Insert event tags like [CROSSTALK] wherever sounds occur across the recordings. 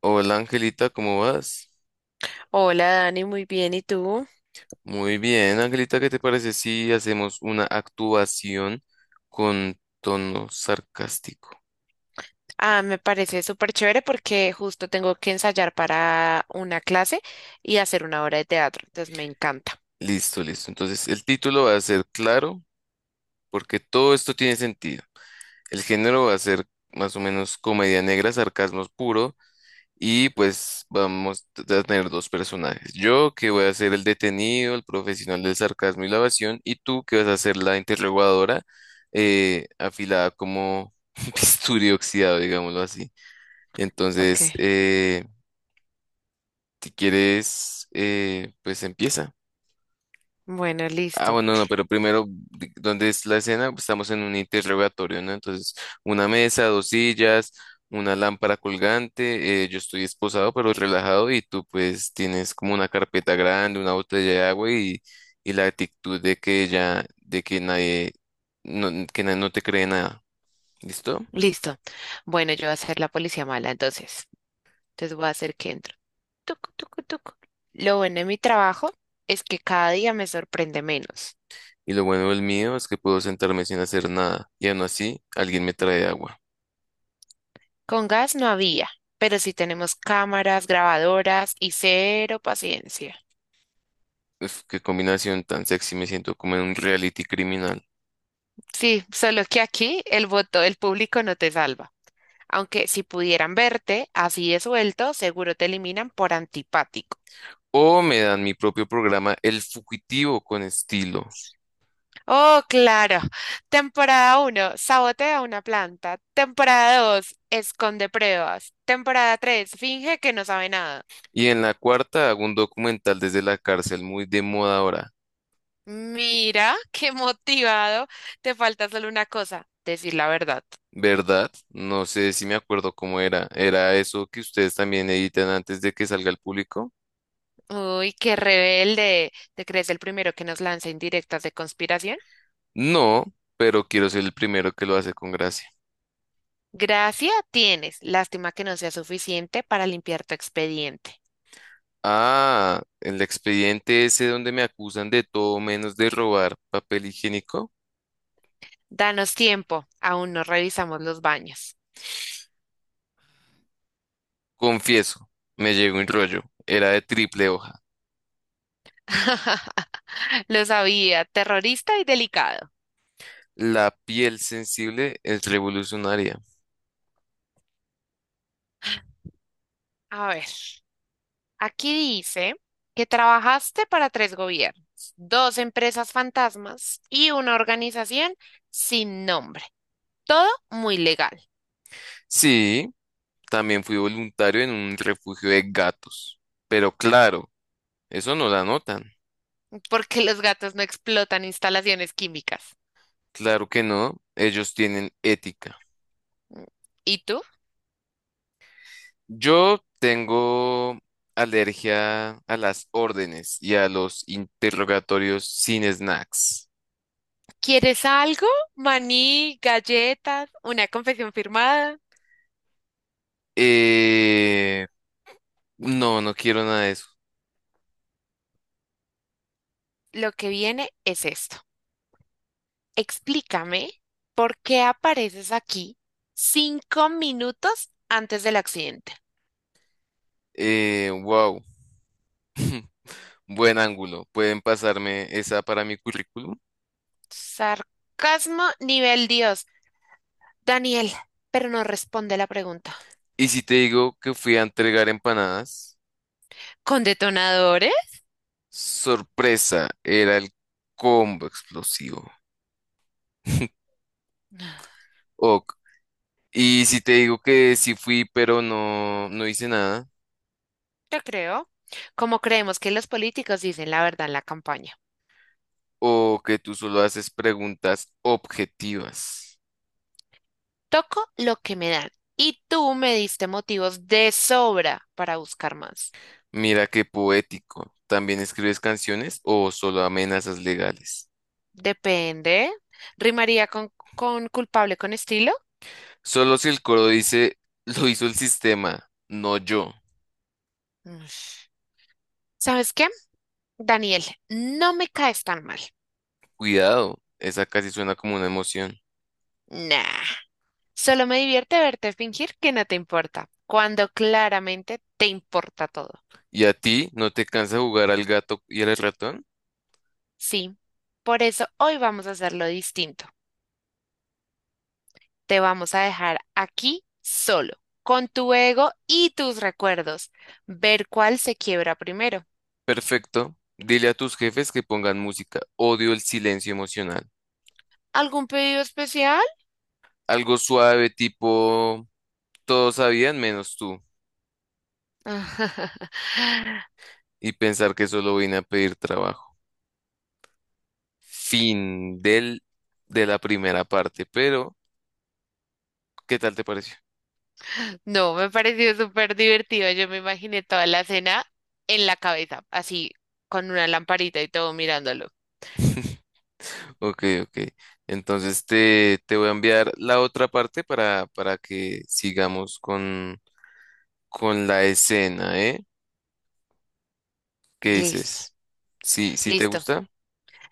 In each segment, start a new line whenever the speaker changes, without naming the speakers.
Hola Angelita, ¿cómo vas?
Hola Dani, muy bien. ¿Y tú?
Muy bien, Angelita, ¿qué te parece si hacemos una actuación con tono sarcástico?
Ah, me parece súper chévere porque justo tengo que ensayar para una clase y hacer una obra de teatro, entonces me encanta.
Listo, listo. Entonces, el título va a ser claro, porque todo esto tiene sentido. El género va a ser más o menos comedia negra, sarcasmo puro. Y pues vamos a tener dos personajes. Yo que voy a ser el detenido, el profesional del sarcasmo y la evasión, y tú que vas a ser la interrogadora, afilada como [LAUGHS] bisturi oxidado, digámoslo así.
Ok,
Entonces, si quieres, pues empieza.
bueno,
Ah,
listo,
bueno, no, pero primero, ¿dónde es la escena? Pues estamos en un interrogatorio, ¿no? Entonces, una mesa, dos sillas, una lámpara colgante, yo estoy esposado pero relajado y tú pues tienes como una carpeta grande, una botella de agua y la actitud de que ya, de que nadie no te cree nada, ¿listo?
listo. Bueno, yo voy a ser la policía mala, entonces. Entonces voy a hacer que entro. Tuc, tuc, tuc. Lo bueno de mi trabajo es que cada día me sorprende menos.
Y lo bueno del mío es que puedo sentarme sin hacer nada y aún así alguien me trae agua.
Con gas no había, pero sí tenemos cámaras, grabadoras y cero paciencia.
Uf, qué combinación tan sexy, me siento como en un reality criminal.
Sí, solo que aquí el voto del público no te salva. Aunque si pudieran verte así de suelto, seguro te eliminan por antipático.
O me dan mi propio programa El Fugitivo con estilo.
Oh, claro. Temporada uno, sabotea una planta. Temporada 2, esconde pruebas. Temporada 3, finge que no sabe nada.
Y en la cuarta hago un documental desde la cárcel muy de moda ahora,
Mira, [LAUGHS] qué motivado. Te falta solo una cosa, decir la verdad.
¿verdad? No sé si me acuerdo cómo era. ¿Era eso que ustedes también editan antes de que salga al público?
Uy, qué rebelde. ¿Te crees el primero que nos lanza indirectas de conspiración?
No, pero quiero ser el primero que lo hace con gracia.
Gracia tienes. Lástima que no sea suficiente para limpiar tu expediente.
Ah, el expediente ese donde me acusan de todo menos de robar papel higiénico.
Danos tiempo, aún no revisamos los baños.
Confieso, me llegó un rollo. Era de triple hoja.
[LAUGHS] Lo sabía, terrorista y delicado.
La piel sensible es revolucionaria.
A ver, aquí dice que trabajaste para tres gobiernos, dos empresas fantasmas y una organización sin nombre. Todo muy legal,
Sí, también fui voluntario en un refugio de gatos. Pero claro, eso no la notan.
porque los gatos no explotan instalaciones químicas.
Claro que no, ellos tienen ética.
¿Y tú?
Yo tengo alergia a las órdenes y a los interrogatorios sin snacks.
¿Quieres algo? Maní, galletas, una confesión firmada.
Eh, no, no quiero nada de eso.
Lo que viene es esto. Explícame por qué apareces aquí cinco minutos antes del accidente.
Wow, buen ángulo. ¿Pueden pasarme esa para mi currículum?
Sarcasmo nivel Dios. Daniel, pero no responde la pregunta.
Y si te digo que fui a entregar empanadas.
¿Con detonadores?
Sorpresa, era el combo explosivo. [LAUGHS]
Yo
Ok. Y si te digo que sí fui, pero no, no hice nada,
creo. Como creemos que los políticos dicen la verdad en la campaña.
o que tú solo haces preguntas objetivas.
Toco lo que me dan. Y tú me diste motivos de sobra para buscar más.
Mira qué poético. ¿También escribes canciones o solo amenazas legales?
Depende. ¿Rimaría con, culpable con estilo?
Solo si el coro dice, lo hizo el sistema, no yo.
Ush. ¿Sabes qué? Daniel, no me caes tan mal.
Cuidado, esa casi suena como una emoción.
Nah, solo me divierte verte fingir que no te importa, cuando claramente te importa todo.
¿Y a ti no te cansa jugar al gato y al ratón?
Sí, por eso hoy vamos a hacerlo distinto. Te vamos a dejar aquí solo, con tu ego y tus recuerdos. Ver cuál se quiebra primero.
Perfecto. Dile a tus jefes que pongan música. Odio el silencio emocional.
¿Algún pedido especial?
Algo suave, tipo, todos sabían menos tú.
[LAUGHS]
Y pensar que solo vine a pedir trabajo. Fin de la primera parte. Pero, ¿qué tal te pareció?
No, me pareció súper divertido. Yo me imaginé toda la cena en la cabeza, así con una lamparita y todo mirándolo.
[LAUGHS] Ok, ok. Entonces te voy a enviar la otra parte para que sigamos con la escena, ¿eh? ¿Qué
Listo,
dices? ¿Sí, sí te
listo.
gusta?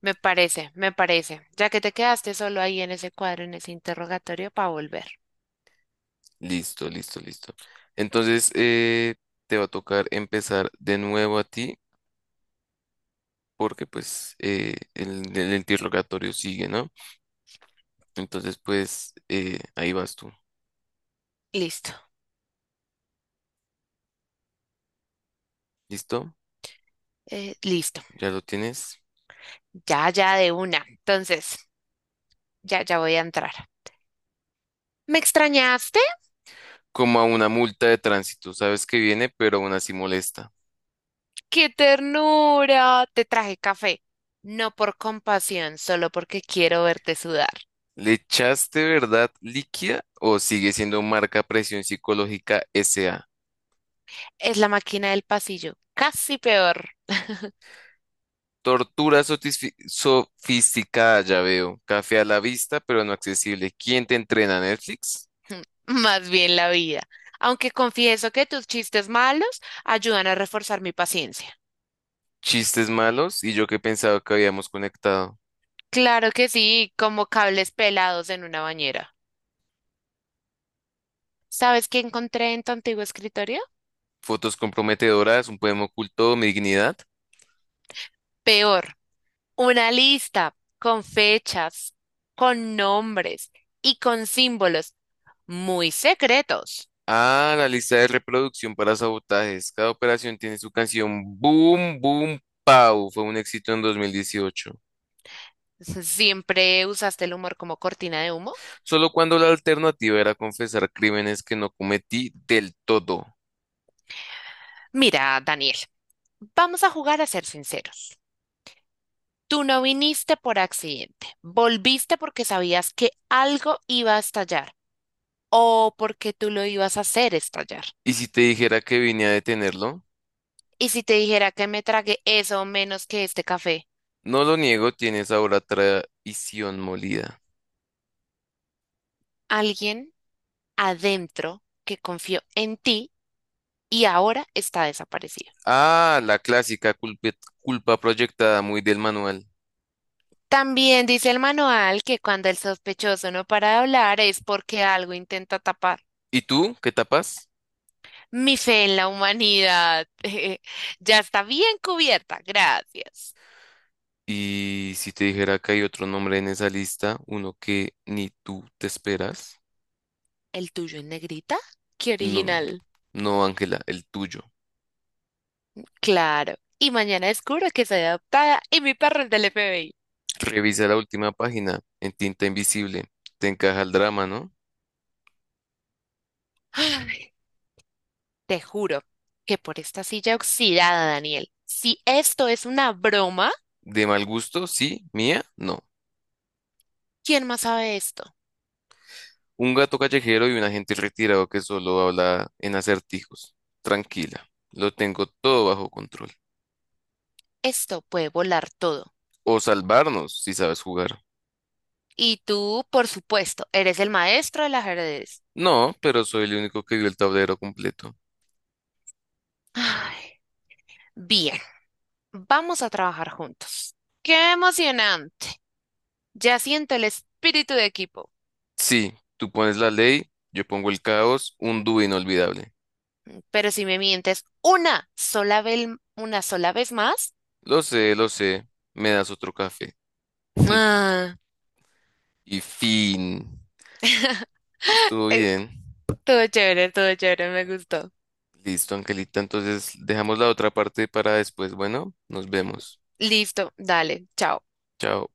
Me parece. Ya que te quedaste solo ahí en ese cuadro, en ese interrogatorio, para volver.
Listo, listo, listo. Entonces, te va a tocar empezar de nuevo a ti porque pues el interrogatorio sigue, ¿no? Entonces, pues ahí vas tú.
Listo,
¿Listo?
listo.
Ya lo tienes.
Ya de una. Entonces, ya voy a entrar. ¿Me extrañaste?
Como a una multa de tránsito, sabes que viene, pero aún así molesta.
¡Qué ternura! Te traje café. No por compasión, solo porque quiero verte sudar.
¿Le echaste verdad líquida o sigue siendo marca presión psicológica SA?
Es la máquina del pasillo. Casi peor.
Tortura sofisticada, ya veo. Café a la vista, pero no accesible. ¿Quién te entrena, Netflix?
[LAUGHS] Más bien la vida. Aunque confieso que tus chistes malos ayudan a reforzar mi paciencia.
Chistes malos y yo que pensaba que habíamos conectado.
Claro que sí, como cables pelados en una bañera. ¿Sabes qué encontré en tu antiguo escritorio?
Fotos comprometedoras, un poema oculto, mi dignidad.
Peor, una lista con fechas, con nombres y con símbolos muy secretos.
Ah, la lista de reproducción para sabotajes. Cada operación tiene su canción. Boom, boom, pow. Fue un éxito en 2018.
¿Siempre usaste el humor como cortina de humo?
Solo cuando la alternativa era confesar crímenes que no cometí del todo.
Mira, Daniel, vamos a jugar a ser sinceros. Tú no viniste por accidente, volviste porque sabías que algo iba a estallar o porque tú lo ibas a hacer estallar.
¿Y si te dijera que vine a detenerlo?
Y si te dijera que me tragué eso o menos que este café,
No lo niego, tienes ahora traición molida.
alguien adentro que confió en ti y ahora está desaparecido.
Ah, la clásica culpa proyectada muy del manual.
También dice el manual que cuando el sospechoso no para de hablar es porque algo intenta tapar.
¿Y tú? ¿Qué tapas?
Mi fe en la humanidad [LAUGHS] ya está bien cubierta, gracias.
Y si te dijera que hay otro nombre en esa lista, uno que ni tú te esperas,
¿El tuyo en negrita? ¡Qué
no,
original!
no, Ángela, el tuyo.
Claro. Y mañana descubro que soy adoptada y mi perro es del FBI.
Revisa la última página en tinta invisible. Te encaja el drama, ¿no?
[GASPS] Te juro que por esta silla oxidada, Daniel, si esto es una broma,
De mal gusto, sí, mía, no.
¿quién más sabe esto?
Un gato callejero y un agente retirado que solo habla en acertijos. Tranquila, lo tengo todo bajo control.
Esto puede volar todo.
O salvarnos, si sabes jugar.
Y tú, por supuesto, eres el maestro del ajedrez.
No, pero soy el único que vio el tablero completo.
Ay, bien, vamos a trabajar juntos. ¡Qué emocionante! Ya siento el espíritu de equipo.
Sí, tú pones la ley, yo pongo el caos, un dúo inolvidable.
Pero si me mientes una sola vez más,
Lo sé, me das otro café. [LAUGHS]
ah,
Y fin.
[LAUGHS]
Estuvo
eh,
bien.
todo chévere, me gustó.
Listo, Angelita. Entonces dejamos la otra parte para después. Bueno, nos vemos.
Listo, dale, chao.
Chao.